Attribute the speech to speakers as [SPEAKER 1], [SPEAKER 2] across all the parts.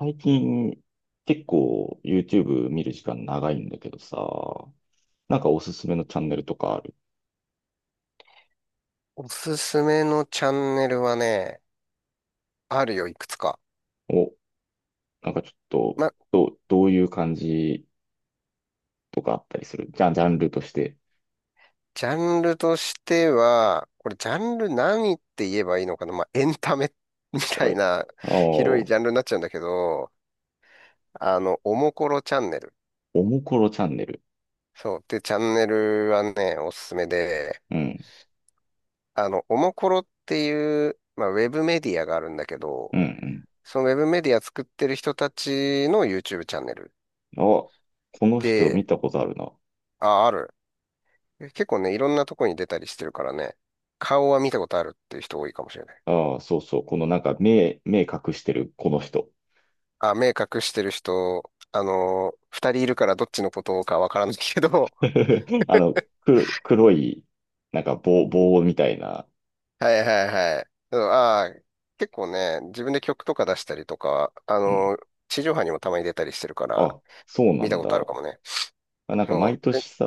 [SPEAKER 1] 最近結構 YouTube 見る時間長いんだけどさ、なんかおすすめのチャンネルとかある。
[SPEAKER 2] おすすめのチャンネルはね、あるよ、いくつか。
[SPEAKER 1] お、なんかちょっと、
[SPEAKER 2] ま、
[SPEAKER 1] どういう感じとかあったりする。じゃあ、ジャンルとして。
[SPEAKER 2] ジャンルとしては、これジャンル何って言えばいいのかなエンタメ みた
[SPEAKER 1] は
[SPEAKER 2] い
[SPEAKER 1] い。
[SPEAKER 2] な
[SPEAKER 1] ああ、
[SPEAKER 2] 広い
[SPEAKER 1] お
[SPEAKER 2] ジャンルになっちゃうんだけど、おもころチャンネル。
[SPEAKER 1] もころチャンネル。
[SPEAKER 2] そう。で、チャンネルはね、おすすめで、
[SPEAKER 1] うん、
[SPEAKER 2] おもころっていう、ウェブメディアがあるんだけど、
[SPEAKER 1] うん、
[SPEAKER 2] そのウェブメディア作ってる人たちの YouTube チャンネル。
[SPEAKER 1] うん。あ、この人見
[SPEAKER 2] で、
[SPEAKER 1] たことあるな。
[SPEAKER 2] あ、ある。結構ね、いろんなとこに出たりしてるからね、顔は見たことあるっていう人多いかもしれない。
[SPEAKER 1] ああ、そうそう。このなんか目隠してるこの人。
[SPEAKER 2] あ、目隠してる人、二人いるからどっちのことかわからないけど、
[SPEAKER 1] あの、黒い、なんか棒みたいな。
[SPEAKER 2] はいはいはい。あー、結構ね、自分で曲とか出したりとか、
[SPEAKER 1] うん。
[SPEAKER 2] 地上波にもたまに出たりしてるから、
[SPEAKER 1] あ、そうな
[SPEAKER 2] 見た
[SPEAKER 1] ん
[SPEAKER 2] こ
[SPEAKER 1] だ。
[SPEAKER 2] とあるかもね。
[SPEAKER 1] あ、なんか
[SPEAKER 2] そ
[SPEAKER 1] 毎
[SPEAKER 2] う、え、
[SPEAKER 1] 年さ、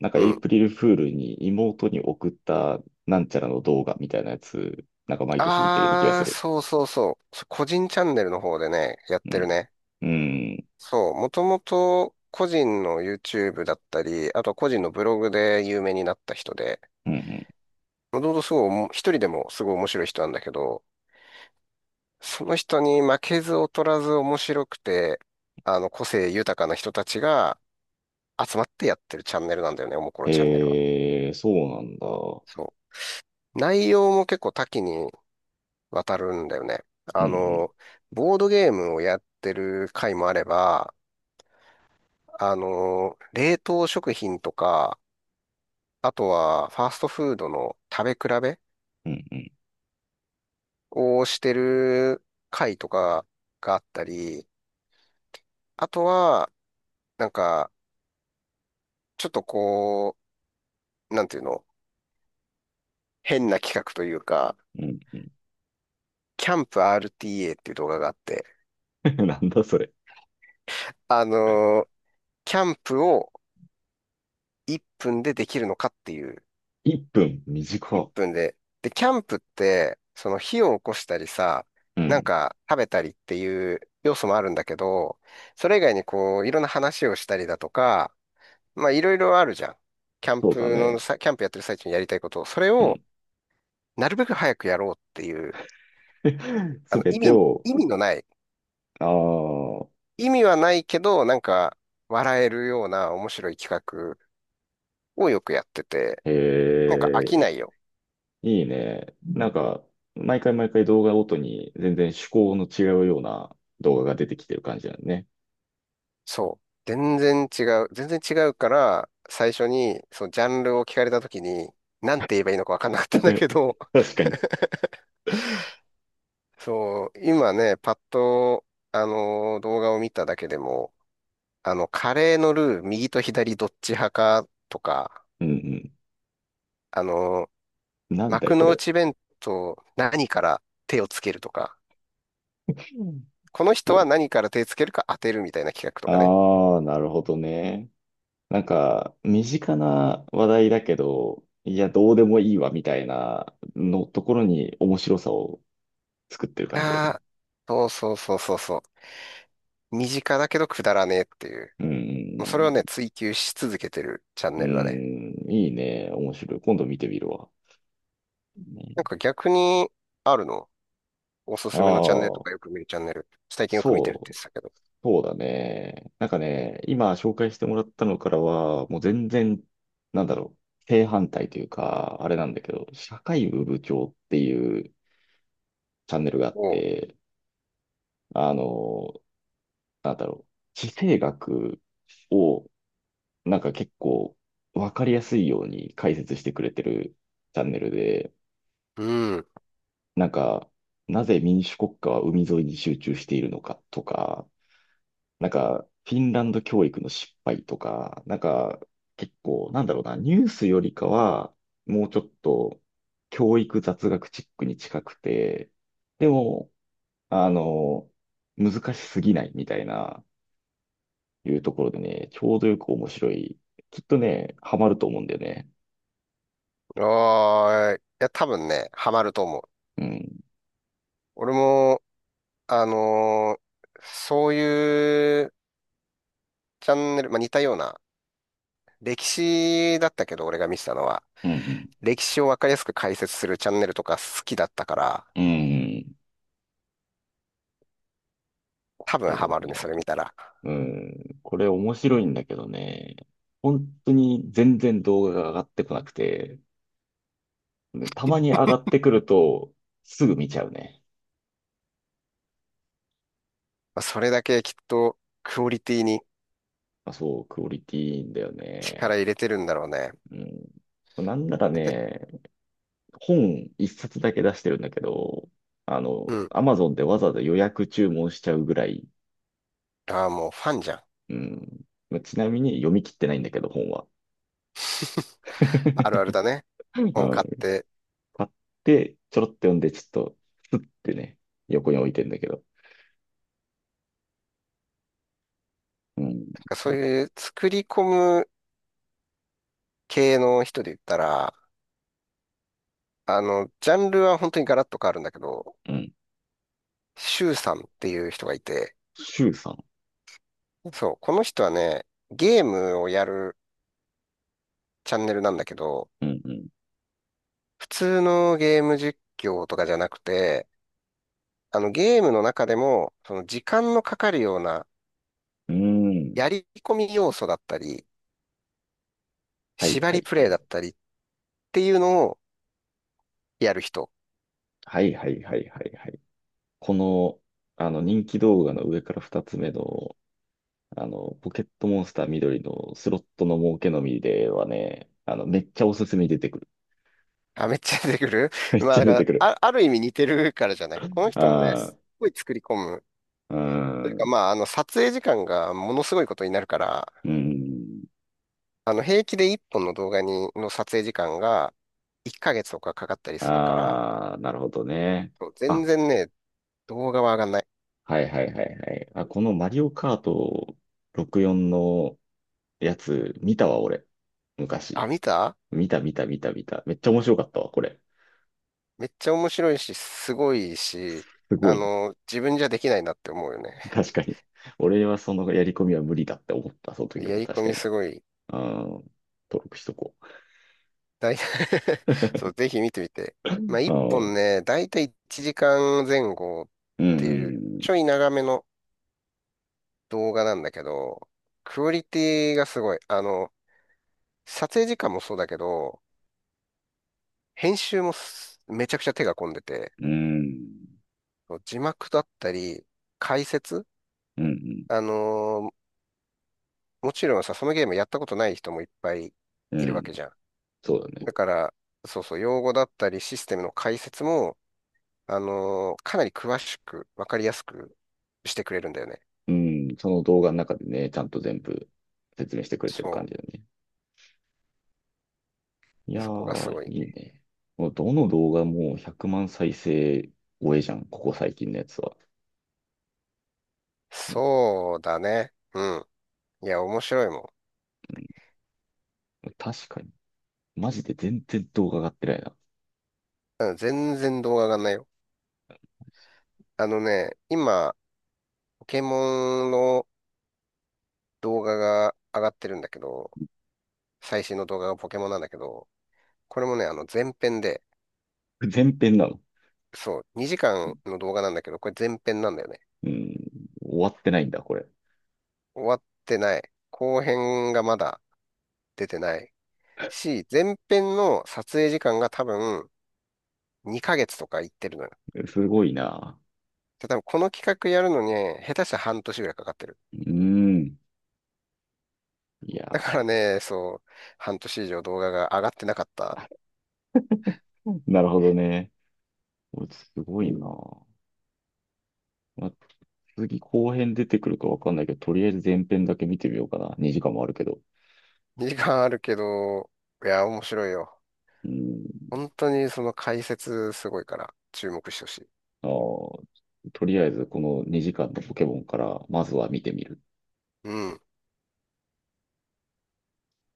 [SPEAKER 1] なんかエ
[SPEAKER 2] う
[SPEAKER 1] イ
[SPEAKER 2] ん。
[SPEAKER 1] プリルフールに妹に送ったなんちゃらの動画みたいなやつ、なんか毎年見てるような気が
[SPEAKER 2] あ
[SPEAKER 1] す
[SPEAKER 2] ー、
[SPEAKER 1] る。
[SPEAKER 2] そうそうそう。そ個人チャンネルの方でね、やっ
[SPEAKER 1] う
[SPEAKER 2] てる
[SPEAKER 1] ん。
[SPEAKER 2] ね。
[SPEAKER 1] うん。
[SPEAKER 2] そう、もともと個人の YouTube だったり、あとは個人のブログで有名になった人で、
[SPEAKER 1] うんうん。
[SPEAKER 2] もともとすごいおも、一人でもすごい面白い人なんだけど、その人に負けず劣らず面白くて、個性豊かな人たちが集まってやってるチャンネルなんだよね、おもころチャンネルは。
[SPEAKER 1] そうなんだ。う
[SPEAKER 2] そう。内容も結構多岐にわたるんだよね。
[SPEAKER 1] ん
[SPEAKER 2] あ
[SPEAKER 1] うん。
[SPEAKER 2] の、ボードゲームをやってる回もあれば、冷凍食品とか、あとは、ファーストフードの食べ比べ
[SPEAKER 1] うんうん。
[SPEAKER 2] をしてる会とかがあったり、あとは、なんか、ちょっとこう、なんていうの、変な企画というか、
[SPEAKER 1] うん
[SPEAKER 2] キャンプ RTA っていう動画があって、
[SPEAKER 1] うん。なんだそれ。
[SPEAKER 2] あのーキャンプを1分でできるのかっていう、
[SPEAKER 1] 1分
[SPEAKER 2] 1
[SPEAKER 1] 短
[SPEAKER 2] 分で。で、キャンプって、その火を起こしたりさ、
[SPEAKER 1] いう
[SPEAKER 2] なん
[SPEAKER 1] ん。
[SPEAKER 2] か食べたりっていう要素もあるんだけど、それ以外にこう、いろんな話をしたりだとか、まあいろいろあるじゃん。
[SPEAKER 1] そうだね。
[SPEAKER 2] キャンプやってる最中にやりたいことを、それ
[SPEAKER 1] う
[SPEAKER 2] を
[SPEAKER 1] ん。
[SPEAKER 2] なるべく早くやろうっていう、あ
[SPEAKER 1] す
[SPEAKER 2] の
[SPEAKER 1] べ
[SPEAKER 2] 意
[SPEAKER 1] て
[SPEAKER 2] 味、
[SPEAKER 1] を、
[SPEAKER 2] 意味のない、
[SPEAKER 1] ああ、
[SPEAKER 2] 意味はないけど、なんか笑えるような面白い企画をよくやってて、
[SPEAKER 1] え
[SPEAKER 2] なんか飽きな
[SPEAKER 1] ー
[SPEAKER 2] いよ。
[SPEAKER 1] いいね。なんんか、毎回毎回動画ごとに全然趣向の違うような動画が出てきてる感じだね。
[SPEAKER 2] そう。全然違う。全然違うから、最初にそのジャンルを聞かれた時に、なんて言えばいいのかわかんなかったんだけど、
[SPEAKER 1] 確かに。
[SPEAKER 2] そう、今ね、パッと、あの動画を見ただけでも、カレーのルー、右と左どっち派かとか、
[SPEAKER 1] うん
[SPEAKER 2] あの、
[SPEAKER 1] うん。なんだよ、
[SPEAKER 2] 幕
[SPEAKER 1] こ
[SPEAKER 2] の
[SPEAKER 1] れ。
[SPEAKER 2] 内弁当、何から手をつけるとか、この人は何から手つけるか当てるみたいな企画とかね。
[SPEAKER 1] ああー、なるほどね。なんか、身近な話題だけど、いや、どうでもいいわ、みたいなのところに面白さを作ってる感じだ
[SPEAKER 2] あ
[SPEAKER 1] ね。
[SPEAKER 2] あ、そうそうそうそうそう。身近だけどくだらねえっていう。
[SPEAKER 1] う
[SPEAKER 2] もうそれを
[SPEAKER 1] ん。
[SPEAKER 2] ね、追求し続けてるチャン
[SPEAKER 1] う
[SPEAKER 2] ネ
[SPEAKER 1] ん、
[SPEAKER 2] ルだね。
[SPEAKER 1] いいね。面白い。今度見てみるわ。
[SPEAKER 2] なん
[SPEAKER 1] ね、
[SPEAKER 2] か逆に、あるのおすすめのチャンネルと
[SPEAKER 1] あ
[SPEAKER 2] かよ
[SPEAKER 1] あ、
[SPEAKER 2] く見るチャンネル。最近よく見てるって
[SPEAKER 1] そ
[SPEAKER 2] 言
[SPEAKER 1] う。
[SPEAKER 2] ってたけど。
[SPEAKER 1] そうだね。なんかね、今紹介してもらったのからは、もう全然、なんだろう、正反対というか、あれなんだけど、社会部部長っていうチャンネルがあっ
[SPEAKER 2] おう。
[SPEAKER 1] て、あの、なんだろう、地政学を、なんか結構わかりやすいように解説してくれてるチャンネルで、
[SPEAKER 2] うん。
[SPEAKER 1] なんか、なぜ民主国家は海沿いに集中しているのかとか、なんか、フィンランド教育の失敗とか、なんか、結構、なんだろうな、ニュースよりかは、もうちょっと、教育雑学チックに近くて、でも、あの、難しすぎないみたいな、いうところでね、ちょうどよく面白い。きっとね、ハマると思うんだよね。
[SPEAKER 2] ああ、いや、多分ね、ハマると思う。
[SPEAKER 1] うん。
[SPEAKER 2] 俺も、あのーそういうチャンネル、まあ、似たような、歴史だったけど、俺が見てたのは、
[SPEAKER 1] うん。
[SPEAKER 2] 歴史をわかりやすく解説するチャンネルとか好きだったから、
[SPEAKER 1] うん。
[SPEAKER 2] 多分
[SPEAKER 1] で
[SPEAKER 2] ハ
[SPEAKER 1] も
[SPEAKER 2] マるね、そ
[SPEAKER 1] ね、
[SPEAKER 2] れ見たら。
[SPEAKER 1] うん。これ面白いんだけどね、本当に全然動画が上がってこなくて、でたまに上がってくると、すぐ見ちゃうね。
[SPEAKER 2] まあ、それだけきっとクオリティに
[SPEAKER 1] あ、そう、クオリティいいんだよ
[SPEAKER 2] 力
[SPEAKER 1] ね。
[SPEAKER 2] 入れてるんだろうね。
[SPEAKER 1] うん。なんなら
[SPEAKER 2] ペペ
[SPEAKER 1] ね、本一冊だけ出してるんだけど、あの、
[SPEAKER 2] うん。
[SPEAKER 1] アマゾンでわざわざ予約注文しちゃうぐらい。
[SPEAKER 2] ああ、もうファンじゃん。
[SPEAKER 1] うん。まあちなみに読み切ってないんだけど、本は。
[SPEAKER 2] あるあるだね。本
[SPEAKER 1] は
[SPEAKER 2] 買っ
[SPEAKER 1] い。
[SPEAKER 2] て。
[SPEAKER 1] 買って、ちょろっと読んで、ちょっと、スってね、横に置いてんだけど。うん。
[SPEAKER 2] なんかそういう作り込む系の人で言ったら、ジャンルは本当にガラッと変わるんだけど、
[SPEAKER 1] うん。
[SPEAKER 2] シュウさんっていう人がいて、
[SPEAKER 1] シュウさん。
[SPEAKER 2] そう、この人はね、ゲームをやるチャンネルなんだけど、
[SPEAKER 1] うん
[SPEAKER 2] 普通のゲーム実況とかじゃなくて、あのゲームの中でも、その時間のかかるような
[SPEAKER 1] うん。うん。
[SPEAKER 2] やり込み要素だったり、
[SPEAKER 1] はい
[SPEAKER 2] 縛
[SPEAKER 1] は
[SPEAKER 2] り
[SPEAKER 1] い
[SPEAKER 2] プ
[SPEAKER 1] は
[SPEAKER 2] レイ
[SPEAKER 1] い。
[SPEAKER 2] だったりっていうのをやる人。
[SPEAKER 1] はいはいはいはいはい。この、あの人気動画の上から2つ目の、あの、ポケットモンスター緑のスロットの儲けのみではね、あの、めっちゃおすすめに出てくる。
[SPEAKER 2] あ、めっちゃ出てくる
[SPEAKER 1] め っ
[SPEAKER 2] ま
[SPEAKER 1] ち
[SPEAKER 2] あ、
[SPEAKER 1] ゃ
[SPEAKER 2] だか
[SPEAKER 1] 出て
[SPEAKER 2] ら、
[SPEAKER 1] くる。
[SPEAKER 2] あ、ある意味似てるからじゃないこの人もね、
[SPEAKER 1] あ
[SPEAKER 2] すっごい作り込む。
[SPEAKER 1] あ、
[SPEAKER 2] という
[SPEAKER 1] う
[SPEAKER 2] か、
[SPEAKER 1] ん、
[SPEAKER 2] まあ、撮影時間がものすごいことになるから、
[SPEAKER 1] うん。
[SPEAKER 2] 平気で1本の動画に、の撮影時間が1ヶ月とかかかったりするから、
[SPEAKER 1] ああ、なるほどね。
[SPEAKER 2] そう
[SPEAKER 1] あ、
[SPEAKER 2] 全然ね、動画は上がんない。
[SPEAKER 1] はいはいはいはい。あ、このマリオカート64のやつ見たわ、俺。昔。
[SPEAKER 2] あ、見た
[SPEAKER 1] 見た見た見た見た。めっちゃ面白かったわ、これ。
[SPEAKER 2] めっちゃ面白いし、すごいし、
[SPEAKER 1] すごい。
[SPEAKER 2] 自分じゃできないなって思うよね。
[SPEAKER 1] 確かに。俺はそのやり込みは無理だって思った、その時
[SPEAKER 2] や
[SPEAKER 1] も
[SPEAKER 2] り
[SPEAKER 1] 確
[SPEAKER 2] 込
[SPEAKER 1] か
[SPEAKER 2] み
[SPEAKER 1] に。
[SPEAKER 2] すごい。
[SPEAKER 1] ああ、登録しとこ
[SPEAKER 2] だい そう、ぜひ見てみて。まあ、
[SPEAKER 1] う。あ
[SPEAKER 2] 一
[SPEAKER 1] あ、
[SPEAKER 2] 本ね、だいたい1時間前後っ
[SPEAKER 1] う
[SPEAKER 2] ていう、
[SPEAKER 1] ん、
[SPEAKER 2] ちょい長めの動画なんだけど、クオリティがすごい。撮影時間もそうだけど、編集もめちゃくちゃ手が込んでて、
[SPEAKER 1] うん、うん、
[SPEAKER 2] そう字幕だったり、解説
[SPEAKER 1] うん、
[SPEAKER 2] あのーもちろんさ、そのゲームやったことない人もいっぱい
[SPEAKER 1] う
[SPEAKER 2] いるわ
[SPEAKER 1] ん、
[SPEAKER 2] けじゃん。
[SPEAKER 1] そうだね。
[SPEAKER 2] だから、そうそう、用語だったりシステムの解説も、かなり詳しく、わかりやすくしてくれるんだよね。
[SPEAKER 1] うん、その動画の中でね、ちゃんと全部説明してくれてる
[SPEAKER 2] そ
[SPEAKER 1] 感じだ
[SPEAKER 2] う。
[SPEAKER 1] ね。い
[SPEAKER 2] で
[SPEAKER 1] や
[SPEAKER 2] そこがす
[SPEAKER 1] ー、
[SPEAKER 2] ごい。
[SPEAKER 1] いいね。もうどの動画も100万再生超えじゃん、ここ最近のやつは。う
[SPEAKER 2] そうだね。うん。いや、面白いも
[SPEAKER 1] ん、確かに。マジで全然動画上がってないな。
[SPEAKER 2] ん。うん全然動画上がんないよ。あのね、今、ポケモンの動画が上がってるんだけど、最新の動画がポケモンなんだけど、これもね、あの前編で、
[SPEAKER 1] 前編なの。
[SPEAKER 2] そう、2時間の動画なんだけど、これ前編なんだよね。
[SPEAKER 1] うん、終わってないんだ、これ。
[SPEAKER 2] 終わってない。後編がまだ出てない。し、前編の撮影時間が多分2ヶ月とかいってるのよ。
[SPEAKER 1] すごいな。
[SPEAKER 2] で多分この企画やるのに下手したら半年ぐらいかかってる。
[SPEAKER 1] うーん。いや
[SPEAKER 2] だからね、そう、半年以上動画が上がってなかった。
[SPEAKER 1] ー、なるほどね。お、すごいな。まあ、次後編出てくるかわかんないけど、とりあえず前編だけ見てみようかな。2時間もあるけど。
[SPEAKER 2] 2時間あるけど、いや、面白いよ。
[SPEAKER 1] うん。
[SPEAKER 2] 本当にその解説すごいから注目してほしい。
[SPEAKER 1] あー、とりあえずこの2時間のポケモンから、まずは見てみる。
[SPEAKER 2] うん。